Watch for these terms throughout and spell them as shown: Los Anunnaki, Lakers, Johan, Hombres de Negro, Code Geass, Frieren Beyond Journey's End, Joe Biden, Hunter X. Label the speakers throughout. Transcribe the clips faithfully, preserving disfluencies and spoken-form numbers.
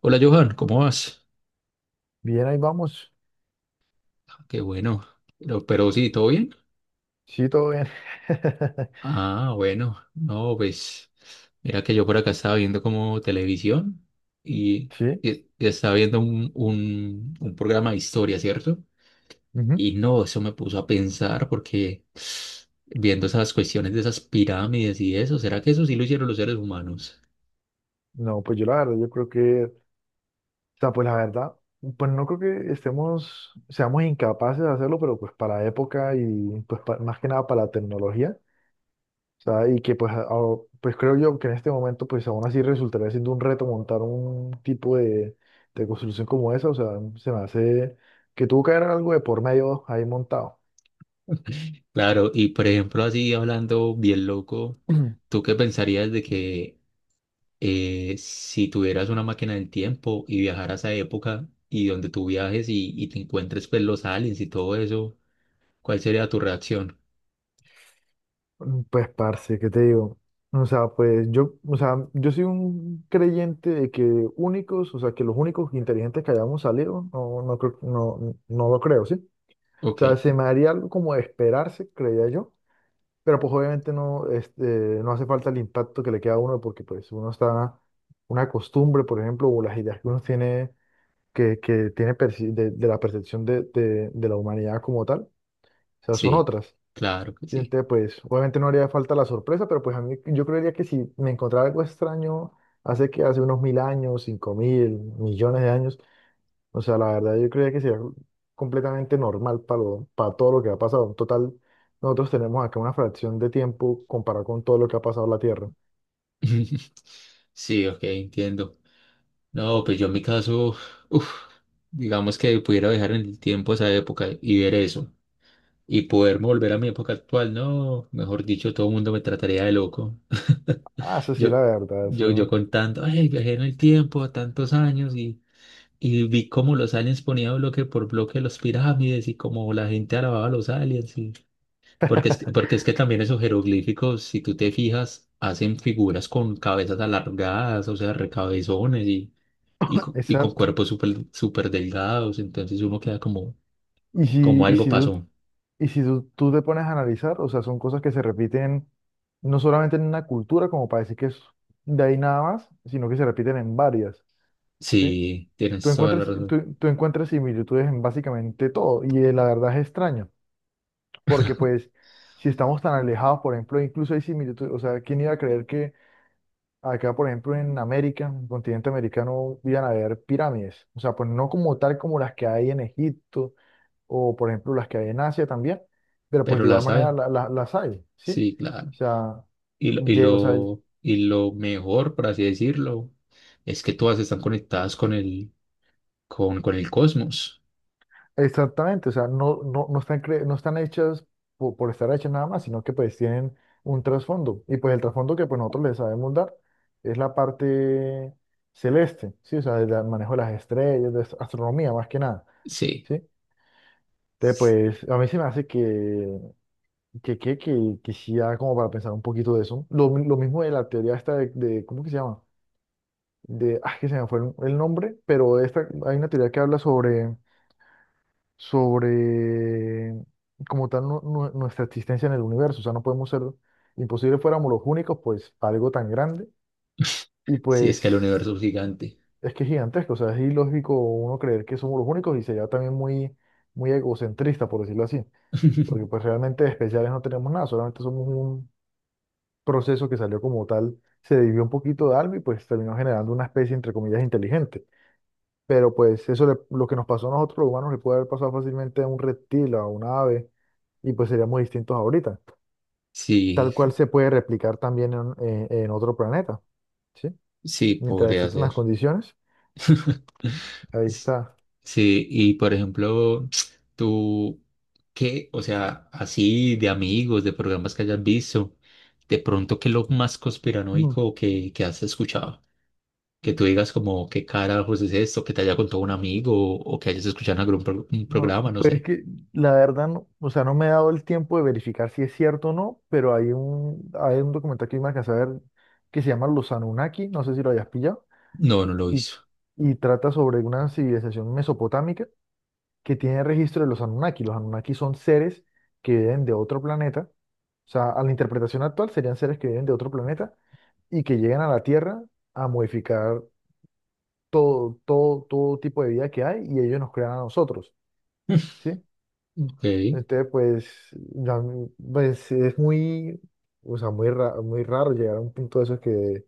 Speaker 1: Hola Johan, ¿cómo vas?
Speaker 2: Bien, ahí vamos.
Speaker 1: Ah, qué bueno. Pero, pero sí, ¿todo bien?
Speaker 2: Sí, todo bien.
Speaker 1: Ah, bueno. No, pues mira que yo por acá estaba viendo como televisión y,
Speaker 2: Sí.
Speaker 1: y- y estaba viendo un, un, un programa de historia, ¿cierto?
Speaker 2: Ujú.
Speaker 1: Y no, eso me puso a pensar porque viendo esas cuestiones de esas pirámides y eso, ¿será que eso sí lo hicieron los seres humanos?
Speaker 2: No, pues yo la verdad, yo creo que, o sea, pues la verdad, pues no creo que estemos, seamos incapaces de hacerlo, pero pues para la época y pues pa- más que nada para la tecnología, o sea, y que pues, a- a- pues creo yo que en este momento pues aún así resultaría siendo un reto montar un tipo de, de construcción como esa, o sea, se me hace que tuvo que haber algo de por medio ahí montado.
Speaker 1: Claro, y por ejemplo, así hablando bien loco, ¿tú qué pensarías de que eh, si tuvieras una máquina del tiempo y viajaras a esa época y donde tú viajes y, y te encuentres pues los aliens y todo eso, ¿cuál sería tu reacción?
Speaker 2: Mm, Pues, parce, ¿qué te digo? O sea, pues yo, o sea, yo soy un creyente de que únicos, o sea, que los únicos inteligentes que hayamos salido, no, no, creo- no, no lo creo, ¿sí? O
Speaker 1: Ok,
Speaker 2: sea, se me haría algo como de esperarse, creía yo, pero pues obviamente no, este, no hace falta el impacto que le queda a uno porque pues uno está, una costumbre, por ejemplo, o las ideas que uno tiene, que, que tiene perci- de, de la percepción de, de de la humanidad como tal, o sea, son
Speaker 1: sí,
Speaker 2: otras.
Speaker 1: claro que
Speaker 2: Sí,
Speaker 1: sí.
Speaker 2: entonces, pues, obviamente no haría falta la sorpresa, pero pues a mí, yo creería que si me encontrara algo extraño hace que hace unos mil años, cinco mil, millones de años, o sea, la verdad yo creería que sería completamente normal para, lo- para todo lo que ha pasado. En total, nosotros tenemos acá una fracción de tiempo comparado con todo lo que ha pasado en la Tierra.
Speaker 1: Sí, ok, entiendo. No, pues yo en mi caso, uf, digamos que pudiera viajar en el tiempo a esa época y ver eso. Y poderme volver a mi época actual, no, mejor dicho, todo el mundo me trataría de loco.
Speaker 2: Ah, eso sí,
Speaker 1: Yo,
Speaker 2: la verdad,
Speaker 1: yo, yo
Speaker 2: eso.
Speaker 1: contando ay, viajé en el tiempo a tantos años y vi cómo los aliens ponían bloque por bloque los pirámides y cómo la gente alababa a los aliens. Y- Porque es que, porque es que también esos jeroglíficos, si tú te fijas, hacen figuras con cabezas alargadas, o sea, recabezones y, y, co- y con
Speaker 2: Exacto.
Speaker 1: cuerpos súper súper delgados. Entonces uno queda como,
Speaker 2: Y si,
Speaker 1: como
Speaker 2: y
Speaker 1: algo
Speaker 2: si,
Speaker 1: pasó.
Speaker 2: Y si tú, tú te pones a analizar, o sea, son cosas que se repiten no solamente en una cultura, como para decir que es de ahí nada más, sino que se repiten en varias, ¿sí?
Speaker 1: Sí,
Speaker 2: Tú
Speaker 1: tienes toda la
Speaker 2: encuentras,
Speaker 1: razón.
Speaker 2: tú, tú encuentras similitudes en básicamente todo, y eh, la verdad es extraño, porque pues si estamos tan alejados, por ejemplo, incluso hay similitudes, o sea, ¿quién iba a creer que acá, por ejemplo, en América, en el continente americano, iban a haber pirámides? O sea, pues no como tal como las que hay en Egipto o por ejemplo las que hay en Asia también, pero pues
Speaker 1: Pero
Speaker 2: de
Speaker 1: la
Speaker 2: igual manera
Speaker 1: sabe.
Speaker 2: la- la- las hay, ¿sí?
Speaker 1: Sí, claro.
Speaker 2: O sea,
Speaker 1: Y lo, y
Speaker 2: lle- o sea,
Speaker 1: lo, y lo mejor, por así decirlo, es que todas están conectadas con el, con, con el cosmos.
Speaker 2: exactamente, o sea, no, no, no están, cre- no están hechas po- por, estar hechas nada más, sino que pues tienen un trasfondo, y pues el trasfondo que pues nosotros les sabemos dar es la parte celeste, ¿sí? O sea, el manejo de las estrellas, de ast- astronomía más que nada,
Speaker 1: Sí,
Speaker 2: ¿sí? Entonces, pues, a mí se me hace que, que, que, que, que, sí da como para pensar un poquito de eso. Lo, mi- lo mismo de la teoría esta de, de- ¿cómo que se llama? De, ah, que se me fue el, el nombre, pero esta, hay una teoría que habla sobre, sobre como tal nu- nu- nuestra existencia en el universo, o sea, no podemos ser, imposible fuéramos los únicos, pues, para algo tan grande, y
Speaker 1: sí, es que el universo
Speaker 2: pues,
Speaker 1: es gigante.
Speaker 2: es que es gigantesco, o sea, es ilógico uno creer que somos los únicos y sería también muy, muy egocentrista, por decirlo así, porque pues realmente especiales no tenemos nada, solamente somos un proceso que salió como tal, se dividió un poquito de algo y pues terminó generando una especie, entre comillas, inteligente. Pero pues eso le- lo que nos pasó a nosotros los humanos le puede haber pasado fácilmente a un reptil, a un ave, y pues seríamos distintos ahorita. Tal
Speaker 1: Sí,
Speaker 2: cual se puede replicar también en, en- en otro planeta, ¿sí?
Speaker 1: sí,
Speaker 2: Mientras
Speaker 1: podría
Speaker 2: existan las
Speaker 1: ser.
Speaker 2: condiciones, ahí
Speaker 1: S-
Speaker 2: está.
Speaker 1: Sí, y por ejemplo, tú, ¿qué? O sea, así de amigos, de programas que hayas visto, de pronto, ¿qué es lo más
Speaker 2: Mm,
Speaker 1: conspiranoico que, que has escuchado? Que tú digas como, ¿qué carajos es esto? Que te haya contado un amigo o, o que hayas escuchado en algún pro- un
Speaker 2: No,
Speaker 1: programa, no
Speaker 2: pues es
Speaker 1: sé.
Speaker 2: que la verdad, no, o sea, no me he dado el tiempo de verificar si es cierto o no, pero hay un, hay un documental que me alcancé a ver que se llama Los Anunnaki, no sé si lo hayas pillado,
Speaker 1: No, no lo
Speaker 2: y,
Speaker 1: hizo.
Speaker 2: y trata sobre una civilización mesopotámica que tiene registro de los Anunnaki. Los Anunnaki son seres que viven de otro planeta. O sea, a la interpretación actual serían seres que viven de otro planeta y que llegan a la Tierra a modificar todo, todo, todo tipo de vida que hay y ellos nos crean a nosotros, ¿sí?
Speaker 1: Ok,
Speaker 2: Entonces, pues, ya, pues es muy, o sea, muy, ra- muy raro llegar a un punto de esos que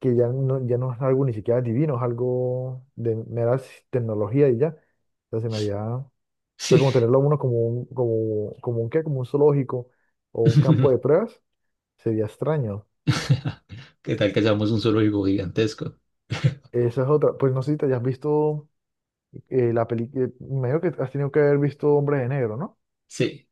Speaker 2: que ya no, ya no es algo ni siquiera divino, es algo de mera s- tecnología y ya. Entonces se me haría, o sea,
Speaker 1: sí.
Speaker 2: como tenerlo a uno como un, como, como un qué, como un zoológico o un campo de pruebas, sería extraño.
Speaker 1: ¿Qué tal que seamos un zoológico gigantesco?
Speaker 2: Esa es otra, pues no sé si te hayas visto eh, la película, medio que has tenido que haber visto Hombres de Negro, ¿no?
Speaker 1: Sí.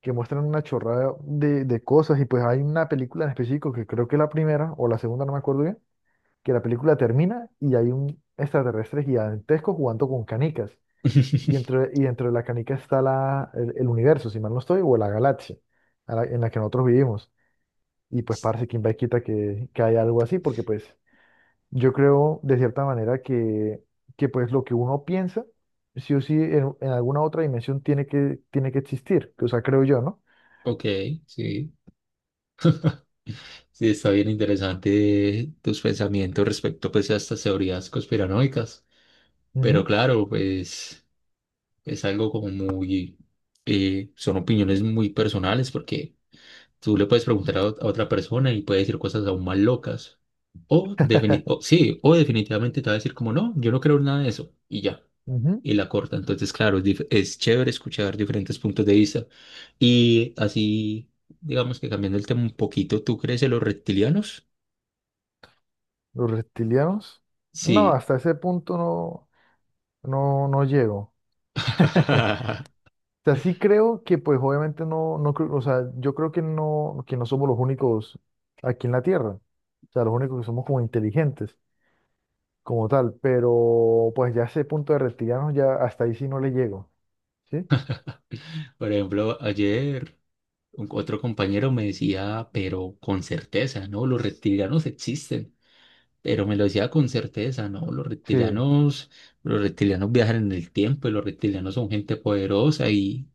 Speaker 2: Que muestran una chorrada de, de cosas y pues hay una película en específico que creo que es la primera o la segunda, no me acuerdo bien, que la película termina y hay un extraterrestre gigantesco jugando con canicas. Y entre, y dentro de la canica está la, el, el universo, si mal no estoy, o la galaxia a la- en la que nosotros vivimos. Y pues parce, quién va y quita que, que hay algo así, porque pues yo creo de cierta manera que, que pues lo que uno piensa, sí o sí, en, en alguna otra dimensión tiene que, tiene que existir, que, o sea, creo yo, ¿no?
Speaker 1: Ok, sí. Sí, está bien interesante tus pensamientos respecto pues a estas teorías conspiranoicas. Pero
Speaker 2: Ujú.
Speaker 1: claro, pues es algo como muy... eh, son opiniones muy personales porque tú le puedes preguntar a, ot- a otra persona y puede decir cosas aún más locas. O, defini- o- sí, o definitivamente te va a decir como no, yo no creo en nada de eso y ya.
Speaker 2: Ujú.
Speaker 1: Y la corta. Entonces, claro, es, dif- es chévere escuchar diferentes puntos de vista. Y así, digamos que cambiando el tema un poquito, ¿tú crees en los reptilianos?
Speaker 2: Los reptilianos, no,
Speaker 1: Sí.
Speaker 2: hasta ese punto no, no, no llego. Sea, sí creo que pues obviamente no, no creo, o sea, yo creo que no, que no somos los únicos aquí en la Tierra, o sea, los únicos que somos como inteligentes, como tal, pero pues ya ese punto de reptilianos ya hasta ahí sí no le llego, ¿sí?
Speaker 1: Por ejemplo, ayer un- otro compañero me decía, pero con certeza, ¿no? Los reptilianos existen. Pero me lo decía con certeza, ¿no? Los
Speaker 2: Sí,
Speaker 1: reptilianos, los reptilianos viajan en el tiempo y los reptilianos son gente poderosa y,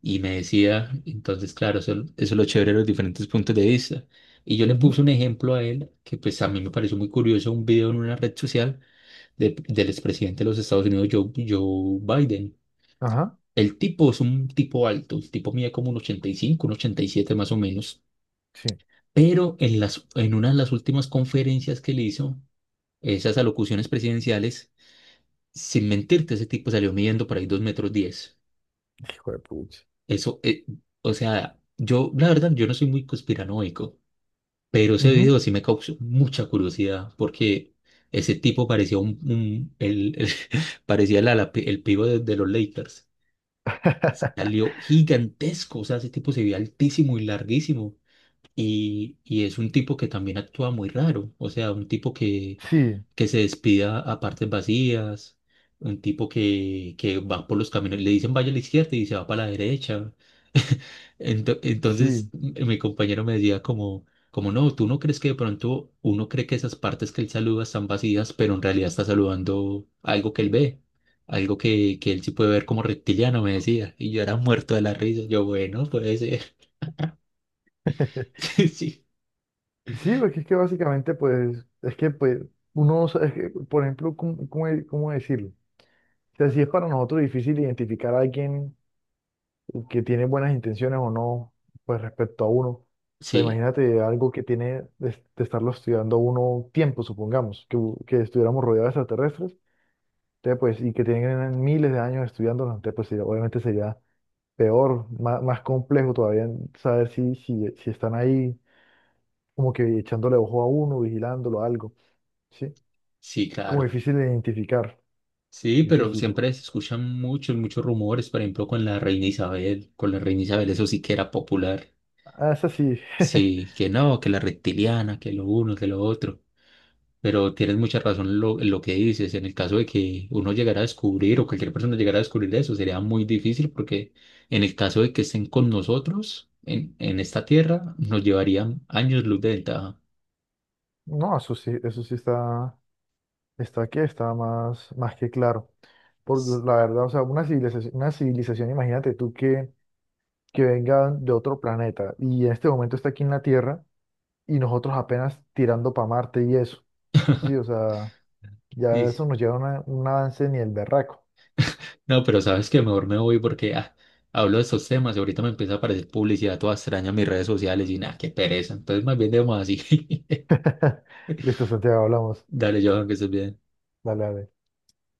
Speaker 1: y me decía, entonces, claro, eso, eso es lo chévere de los diferentes puntos de vista. Y yo le
Speaker 2: ujú,
Speaker 1: puse un ejemplo a él que pues a mí me pareció muy curioso, un video en una red social de- del expresidente de los Estados Unidos, Joe, Joe Biden.
Speaker 2: ajá,
Speaker 1: El tipo es un tipo alto, el tipo mide como un ochenta y cinco, un ochenta y siete más o menos.
Speaker 2: sí,
Speaker 1: Pero en las, en una de las últimas conferencias que le hizo, esas alocuciones presidenciales, sin mentirte, ese tipo salió midiendo por ahí dos metros diez.
Speaker 2: hijo de pucha.
Speaker 1: Eso, eh, o sea, yo, la verdad, yo no soy muy conspiranoico, pero ese
Speaker 2: Ujú.
Speaker 1: video sí me causó mucha curiosidad porque ese tipo parecía un, un- el, el- parecía el, ala- el pivo de, de los Lakers. Salió gigantesco, o sea, ese tipo se veía altísimo y larguísimo. Y, y es un tipo que también actúa muy raro, o sea, un tipo que,
Speaker 2: Sí,
Speaker 1: que se despida a partes vacías, un tipo que, que va por los caminos, le dicen vaya a la izquierda y se va para la derecha. Ento- entonces
Speaker 2: sí.
Speaker 1: m- mi compañero me decía como, como no, tú no crees que de pronto uno cree que esas partes que él saluda están vacías, pero en realidad está saludando algo que él ve, algo que, que él sí puede ver como reptiliano, me decía. Y yo era muerto de la risa, yo bueno, puede ser. Sí,
Speaker 2: Sí, porque es que básicamente, pues, es que, pues, uno, no sabe- es que, por ejemplo, ¿cómo, cómo, de- cómo decirlo? O sea, si es para nosotros difícil identificar a alguien que tiene buenas intenciones o no, pues respecto a uno. O sea,
Speaker 1: sí,
Speaker 2: imagínate algo que tiene de, de estarlo estudiando uno tiempo, supongamos, que, u- que estuviéramos rodeados de extraterrestres, entonces, pues, y que tienen miles de años estudiándonos, entonces, pues, sería- obviamente sería peor, más, más complejo todavía saber si, si, si están ahí como que echándole ojo a uno, vigilándolo, algo, ¿sí?
Speaker 1: sí,
Speaker 2: Como
Speaker 1: claro.
Speaker 2: difícil de identificar,
Speaker 1: Sí, pero
Speaker 2: difícil.
Speaker 1: siempre se escuchan muchos, muchos rumores, por ejemplo, con la reina Isabel, con la reina Isabel, eso sí que era popular.
Speaker 2: Ah, eso sí,
Speaker 1: Sí, que no, que la reptiliana, que lo uno, que lo otro. Pero tienes mucha razón en lo, en lo que dices. En el caso de que uno llegara a descubrir o cualquier persona llegara a descubrir eso, sería muy difícil porque en el caso de que estén con nosotros en, en esta tierra, nos llevarían años luz de ventaja.
Speaker 2: no, eso sí, eso sí está, está, aquí, está más, más que claro. Porque pues, la verdad, o sea, una civilización, una civilización, imagínate tú que, que venga de otro planeta y en este momento está aquí en la Tierra y nosotros apenas tirando para Marte y eso. Sí, o sea, ya
Speaker 1: Sí.
Speaker 2: eso nos lleva a una- un avance ni el berraco.
Speaker 1: No, pero sabes que mejor me voy porque ah, hablo de estos temas y ahorita me empieza a aparecer publicidad toda extraña en mis redes sociales y nada, qué pereza. Entonces más bien debemos así.
Speaker 2: Listo, Santiago, hablamos.
Speaker 1: Dale, Johan, que estés bien.
Speaker 2: Dale, dale.